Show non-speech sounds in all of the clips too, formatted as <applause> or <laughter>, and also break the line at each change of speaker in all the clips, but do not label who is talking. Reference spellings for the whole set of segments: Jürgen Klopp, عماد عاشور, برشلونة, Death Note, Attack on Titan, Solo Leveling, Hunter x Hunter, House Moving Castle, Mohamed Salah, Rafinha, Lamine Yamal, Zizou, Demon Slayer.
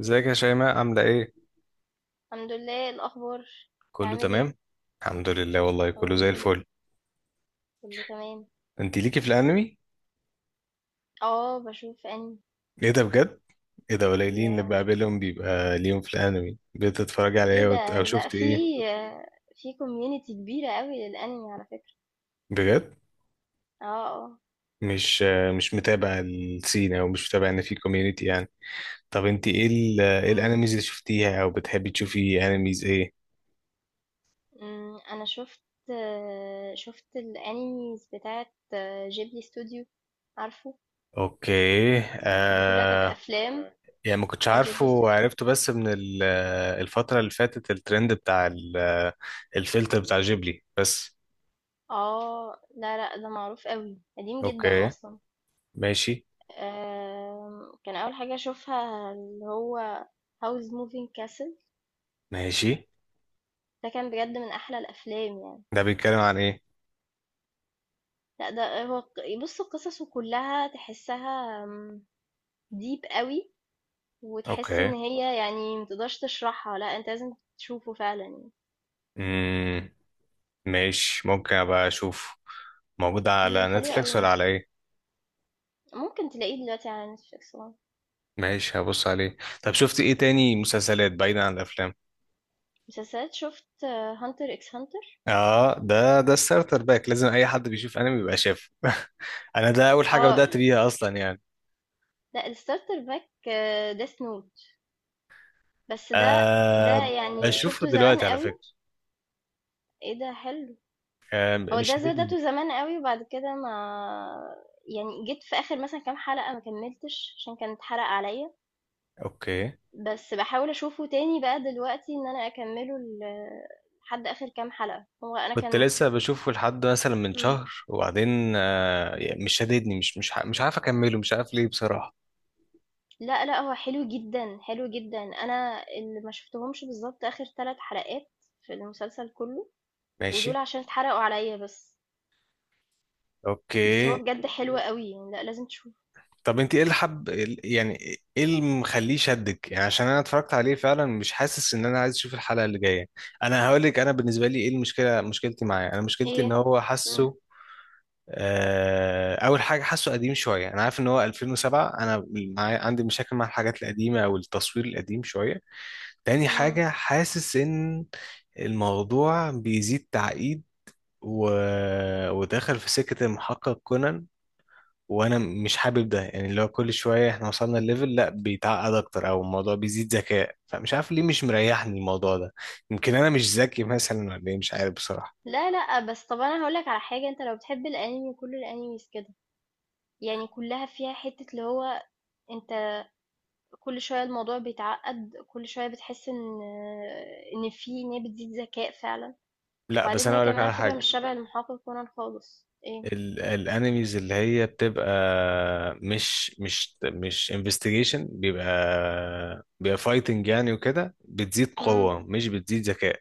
ازيك يا شيماء، عاملة ايه؟
الحمد لله. إيه الاخبار؟
كله
بتعمل ايه؟
تمام؟ الحمد لله، والله كله
اقول
زي
كده.
الفل.
كله تمام.
انت ليكي في الانمي؟
اه، بشوف انمي.
ايه ده بجد؟ ايه ده، قليلين اللي
يا
بقابلهم بيبقى ليهم في الانمي. بتتفرجي على
ايه
ايه
ده؟
او
لا،
شفت
في
ايه؟
في كوميونتي كبيره قوي للانمي على فكره.
بجد؟
اه، اه.
مش مش متابع السين، او مش متابع ان في كوميونيتي يعني. طب انت ايه ايه
أمم،
الانميز اللي شفتيها، او بتحبي تشوفي انميز ايه؟
أمم، انا شفت الانميز بتاعت جيبلي ستوديو، عارفه؟
اوكي
دي كلها كانت
آه.
افلام
يعني ما كنتش
بتاعت
عارفه
جيبلي ستوديو.
وعرفته بس من الفترة اللي فاتت، الترند بتاع الفلتر بتاع جيبلي بس.
اه، لا، لا، ده معروف قوي، قديم جدا
اوكي،
اصلا.
ماشي.
كان أول حاجة أشوفها اللي هو House Moving Castle.
ماشي،
ده كان بجد من أحلى الأفلام يعني.
ده بيتكلم عن ايه؟
لأ، ده هو بص، قصصه كلها تحسها ديب قوي، وتحس إن
اوكي.
هي يعني متقدرش تشرحها، لأ أنت لازم تشوفه فعلا يعني.
امم، ماشي، ممكن ابقى اشوف. موجود على
حلو
نتفليكس ولا
قوي،
على ايه؟
ممكن تلاقيه دلوقتي على نتفليكس طبعا.
ماشي، هبص عليه. طب شفت ايه تاني مسلسلات بعيدا عن الافلام؟
مسلسلات، شفت هانتر اكس هانتر.
اه، ده الستارتر باك، لازم اي حد بيشوف انمي يبقى شافه <laughs> انا ده اول حاجة
اه، حلو
بدأت بيها اصلا يعني.
لأ، الستارتر باك، ديث نوت، بس ده
آه،
يعني
بشوفه
شفته زمان
دلوقتي على
قوي.
فكرة.
ايه ده، حلو. هو
مش
ده
هتدي.
بدأته زمان أوي، وبعد كده ما يعني جيت في آخر مثلًا كام حلقة، ما كمّلتش عشان كان اتحرق عليّا،
اوكي.
بس باحاول أشوفه تاني بقى دلوقتي إن أنا أكمّله لحد آخر كام حلقة، هو أنا
كنت
كان.
لسه بشوفه لحد مثلا من
إمم.
شهر، وبعدين يعني مش شاددني، مش عارف اكمله، مش عارف ليه بصراحة.
لأ، لأ، هو حلو جدًا، حلو جدًا. أنا اللي ما شُفتهمش بالضبط آخر 3 حلقات في المسلسل كُلّه،
ماشي.
ودول عشان اتحرقوا عليّا بس، بس هو
اوكي.
بجد أوكي، حلو أوكي أوي يعني، لأ، لازم تشوفه.
طب انت ايه اللي حب، يعني ايه اللي مخليه شدك؟ يعني عشان انا اتفرجت عليه فعلا، مش حاسس ان انا عايز اشوف الحلقة اللي جاية. انا هقول لك، انا بالنسبة لي ايه المشكلة. مشكلتي معاه، انا مشكلتي
إيه؟
ان هو
إمم. إمم،
حاسه. اول حاجة، حاسه قديم شوية. انا عارف ان هو 2007. عندي مشاكل مع الحاجات القديمة او التصوير القديم شوية. تاني
إمم.
حاجة، حاسس إن الموضوع بيزيد تعقيد، و... ودخل في سكة المحقق كونان. وأنا مش حابب ده، يعني اللي هو كل شوية إحنا وصلنا الليفل، لأ بيتعقد أكتر، أو الموضوع بيزيد ذكاء. فمش عارف ليه مش مريحني الموضوع ده، يمكن أنا مش ذكي مثلا، ولا إيه؟ مش عارف بصراحة.
لا، لأ، بس طب أنا هاقول لك على حاجة، أنت لو بتحب الأنمي كل الأنيميز كده، يعني كلها فيها حتة اللي هو، أنت كل شوية الموضوع بيتعقد، كل شوية بتحس إن هي بتزيد ذكاء فعلا،
لأ بس
وبعدين
أنا
هي
أقولك
كمان على
على
فكرة مش
حاجة.
شبه المحقق كونان خالص، إيه؟
ال الانميز اللي هي بتبقى، مش انفستيجيشن، بيبقى فايتنج يعني، وكده بتزيد
مم.
قوة مش بتزيد ذكاء.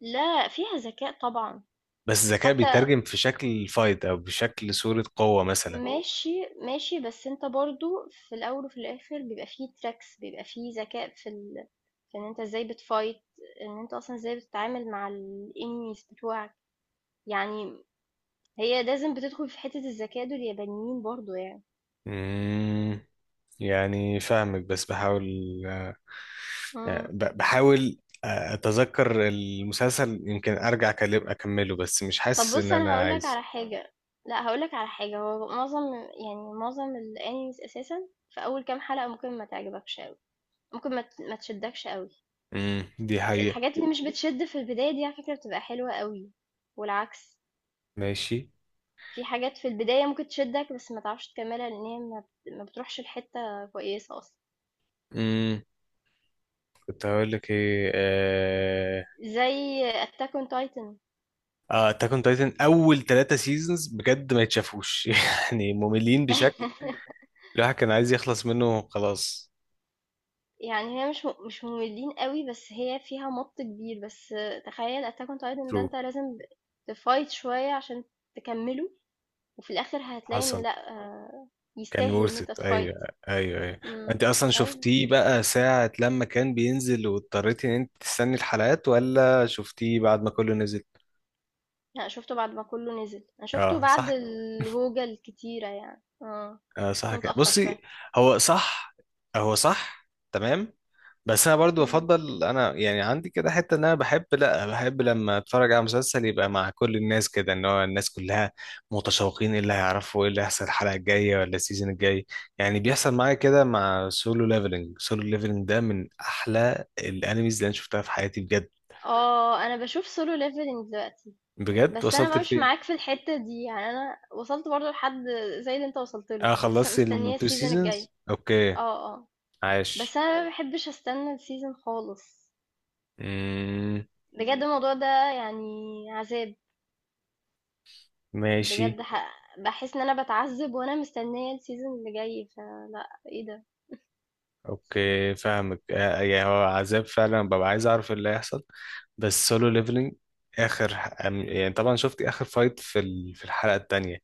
لا، فيها ذكاء طبعا،
بس الذكاء
حتى.
بيترجم في شكل فايت، او بشكل صورة قوة مثلا.
ماشي، ماشي، بس أنت برضو في الأول وفي الآخر بيبقى فيه تراكس، بيبقى فيه ذكاء في إن أنت إزاي بتفايت، إن أنت أصلا إزاي بتتعامل مع الإنميز بتوعك. يعني هي لازم بتدخل في حتة الذكاء دول، اليابانيين برضو يعني.
امم، يعني فاهمك بس بحاول. آه،
امم.
بحاول. اتذكر المسلسل، يمكن ارجع اكمله، بس مش
طب
حاسس ان
بص، انا
انا
هقولك
عايز.
على حاجة. لا، هقولك على حاجة، هو معظم يعني معظم الانيميز اساسا في اول كام حلقة ممكن ما تعجبكش قوي، ممكن ما تشدكش قوي.
امم، دي حقيقة.
الحاجات اللي مش بتشد في البداية دي على فكرة بتبقى حلوة قوي، والعكس،
ماشي.
في حاجات في البداية ممكن تشدك بس ما تعرفش تكملها، لان هي ما بتروحش لحتة كويسة اصلا.
مم. كنت هقول لك ايه. اه،
زي اتاك اون تايتن.
اتاك اون تايتن اول 3 سيزونز بجد ما يتشافوش <laughs> يعني مملين بشكل،
<laughs>
الواحد كان عايز يخلص منه خلاص.
يعني هي مش مملين أوي، بس هي فيها مَط كبير، بس تخيّل Attack on Titan ده
ترو.
أنت لازم تfight شوية عشان تكمّله، وفي الآخر هتلاقي إن
حصل.
لأ،
كان
يستاهل إن
worth it.
أنت
ايوه
تfight.
ايوه ايوه. انت
إمم.
اصلا
أيوه،
شفتيه بقى ساعة لما كان بينزل، واضطريتي ان انت تستني الحلقات، ولا شفتيه بعد ما كله نزل؟
لأ شُفته بعد ما كلّه نزل، أنا شُفته
اه
بعد
صح،
الهوجة الكتيرة يعني،
اه صح
شُفته
كده.
متأخّر
بصي.
شوية.
هو صح، هو صح. تمام. بس انا برضو
إمم.
بفضل، انا يعني عندي كده حته، ان انا بحب لا بحب لما اتفرج على مسلسل يبقى مع كل الناس كده. ان هو الناس كلها متشوقين، ايه اللي هيعرفوا، ايه اللي هيحصل الحلقه الجايه ولا السيزون الجاي. يعني بيحصل معايا كده مع سولو ليفلنج. سولو ليفلنج ده من احلى الانميز اللي انا شفتها في حياتي بجد.
أنا باشوف Solo Leveling دلوقتي،
بجد،
بس أنا
وصلت
بقى مش
لفين؟
معاك في الحتّة دي، يعني أنا وصلت برضه لحد زي اللي أنت وصلت له،
اه،
لسه
خلصت
مستنية
التو
الseason الجاي.
سيزونز. اوكي.
آه، آه. بس
عاش.
انا ما بحبش استنى السيزون خالص،
امم.
بجد الموضوع ده يعني عذاب.
ماشي.
بجد بحس ان انا بتعذب وانا مستنيه السيزون اللي جاي، فلا، ايه ده.
اوكي فاهمك. يعني هو عذاب فعلا، ببقى عايز اعرف اللي هيحصل. بس سولو ليفلنج، يعني طبعا شفت اخر فايت في في الحلقة التانية.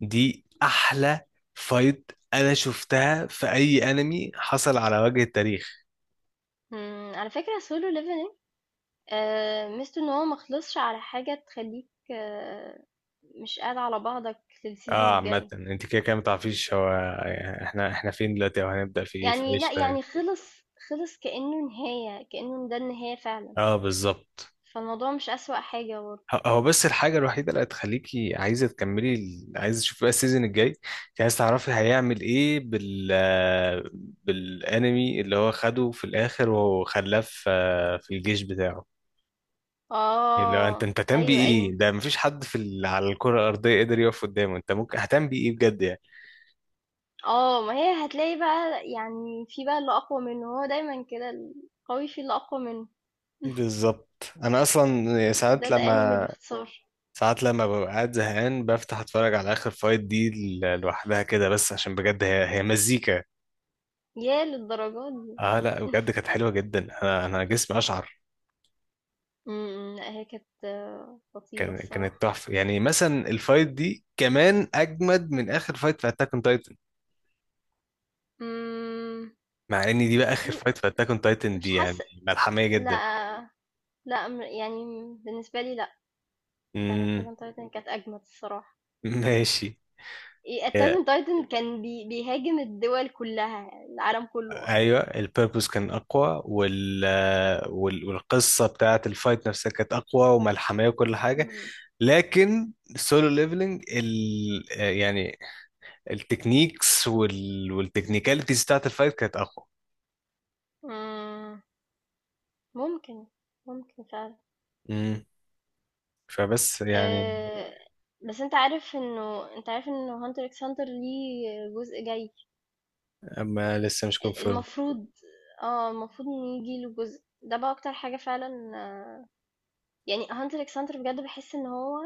دي احلى فايت انا شفتها في اي انمي حصل على وجه التاريخ.
مم. على فكره سولو ليفلينج ميزته ان هو مخلصش على حاجه تخليك، مش قاعد على بعضك للسيزون
اه عامة،
الجاي.
انت كده كده متعرفيش هو، يعني احنا فين دلوقتي، او هنبدأ في ايه، في
يعني
ايش
لا،
تاني.
يعني خلص، خلص كانه نهايه، كانه ده النهايه فعلا،
اه بالظبط.
فالموضوع مش اسوأ حاجه برضه.
هو بس الحاجة الوحيدة اللي هتخليكي عايزة تكملي عايزة تشوفي بقى السيزون الجاي، انت عايزة تعرفي هيعمل ايه بالانمي اللي هو خده في الاخر وخلاه في الجيش بتاعه. اللي هو انت
اه،
انت هتعمل
ايوه،
بيه
ايوه.
ايه؟ ده مفيش حد على الكرة الأرضية قدر يقف قدامه، انت ممكن هتعمل بيه ايه بجد يعني.
اه، ما هي هتلاقي بقى يعني، في بقى اللي اقوى منه، هو دايما كده، القوي في اللي اقوى منه.
بالظبط. انا اصلا
ده
ساعات
الانمي بالظبط
لما
باختصار.
ساعات لما ببقى قاعد زهقان، بفتح اتفرج على اخر فايت دي لوحدها كده. بس عشان بجد هي مزيكا.
يا للدرجات دي.
اه لا بجد كانت حلوه جدا. انا جسمي اشعر.
لا، هي كانت خطيرة
كانت
الصراحة.
تحفه، يعني مثلا الفايت دي كمان اجمد من اخر فايت في اتاك اون تايتن،
امم.
مع ان دي بقى اخر فايت في اتاك اون تايتن
مش
دي يعني
حاسة،
ملحميه جدا.
لا، لا يعني بالنسبة لي لا. بتاعت اتاك
امم.
اون تايتن كانت اجمد الصراحة.
<laughs> ماشي.
ايه، اتاك
هي-
اون تايتن كان بيهاجم الدول كلها، العالم كله اصلا.
ايوه البيربوس كان اقوى، والقصه بتاعت الفايت نفسها كانت اقوى وملحميه وكل حاجه.
مم.
لكن السولو ليفلنج، ال... آه، يعني التكنيكس والتكنيكاليتيز بتاعت الفايت كانت
مم. ممكن، ممكن فعلا.
اقوى. فبس يعني.
آه، بس انت عارف انه هانتر اكس هانتر ليه جزء جاي؟
اما لسه مش كونفيرم.
المفروض. اه المفروض ان يجي له جزء، ده بقى اكتر حاجة فعلا، يعني هانتر اكس هانتر بجد بحس ان هو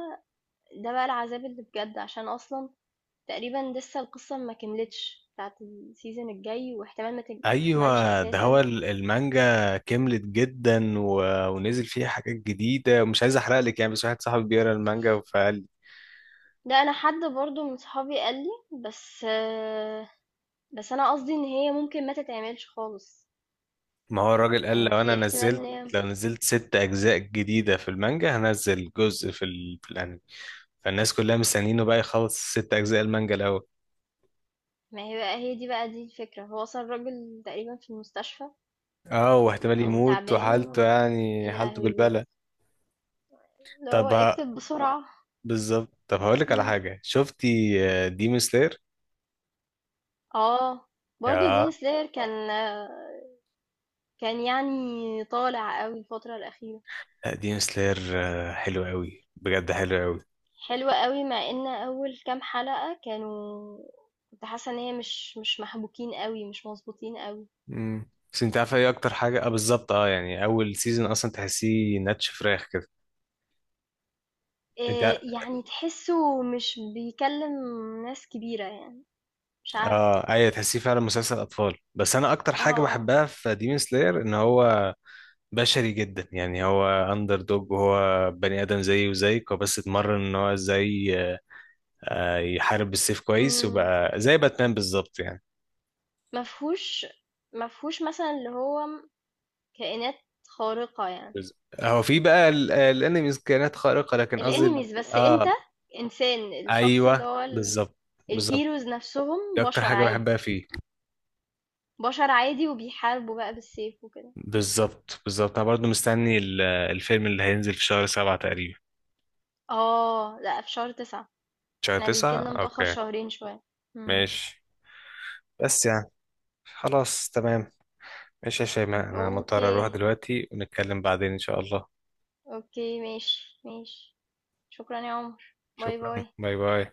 ده بقى العذاب اللي بجد، عشان اصلا تقريبا لسه القصة ما كملتش بتاعت السيزون الجاي، واحتمال ما تك- تكملش
ايوه، ده هو
اساسا.
المانجا كملت جدا، و... ونزل فيها حاجات جديده. مش عايز احرق لك يعني، بس واحد صاحبي بيقرا المانجا فقال.
ده انا حد برضو من صحابي قال لي بس، بس انا قصدي ان هي ممكن ما تتعملش خالص.
ما هو الراجل قال
يعني في احتمال ان هي،
لو نزلت 6 اجزاء جديده في المانجا هنزل جزء في الانمي. فالناس كلها مستنيينه بقى يخلص 6 اجزاء المانجا الاول.
ما هي بقى، هي دي بقى، دي الفكرة، هو وصل راجل تقريبا في المستشفى،
اه، واحتمال
أو
يموت
تعبان
وحالته،
و
يعني
يا
حالته
لهوي بجد،
بالبلة.
اللي هو
طب ه-
اكتب بسرعة.
بالظبط. طب هقول لك على
مم.
حاجه، شفتي ديمون سلاير؟
اه، برضو دين سلاير كان يعني طالع قوي الفترة الأخيرة.
لا، ديم سلاير حلو قوي بجد، حلو قوي.
حلوة قوي، مع ان أول كام حلقة كنت حاسة ان هي مش محبوكين قوي، مش مظبوطين قوي.
امم. بس انت عارف ايه اكتر حاجه. اه بالظبط. اه يعني اول سيزون اصلا تحسيه ناتش فراخ كده. انت.
إيه يعني، تحسه مش بيكلم ناس كبيرة يعني، مش عارف.
اه ايوه، تحسيه فعلا مسلسل اطفال. بس انا اكتر حاجه
اه،
بحبها في ديمون سلاير، ان هو بشري جدا. يعني هو اندر دوج، وهو بني ادم زيه وزيك. هو بس اتمرن ان هو ازاي يحارب بالسيف كويس،
اه.
وبقى زي باتمان بالظبط يعني.
ما فيهوش ما فيهوش مثلًا اللي هو كائنات خارقة يعني،
بز- هو في بقى الانميز كائنات خارقه، لكن قصدي
الenemies بس قصدك أنت.
اه
إنسان، الشخص اللي
ايوه.
هو آه. ال
بالظبط. بالظبط.
الheroes نَفْسهم
دي اكتر
بشر
حاجه بحبها
عادي،
فيه.
بشر عادي وبيحاربوا بقى بالسيف وكده.
بالظبط، بالظبط. انا برضو مستني الفيلم اللي هينزل في شهر 7 تقريبا.
لأ، في شهر 9.
شهر
إحنا بييجي
تسعة
لنا متأخر
اوكي.
شهرين شوية. إمم،
ماشي. بس يعني خلاص تمام. ماشي يا شيماء، انا مضطر اروح
أوكي،
دلوقتي، ونتكلم بعدين ان شاء الله.
أوكي، ماشي، ماشي. شكرًا يا عمر. باي،
شكرا،
باي.
باي باي.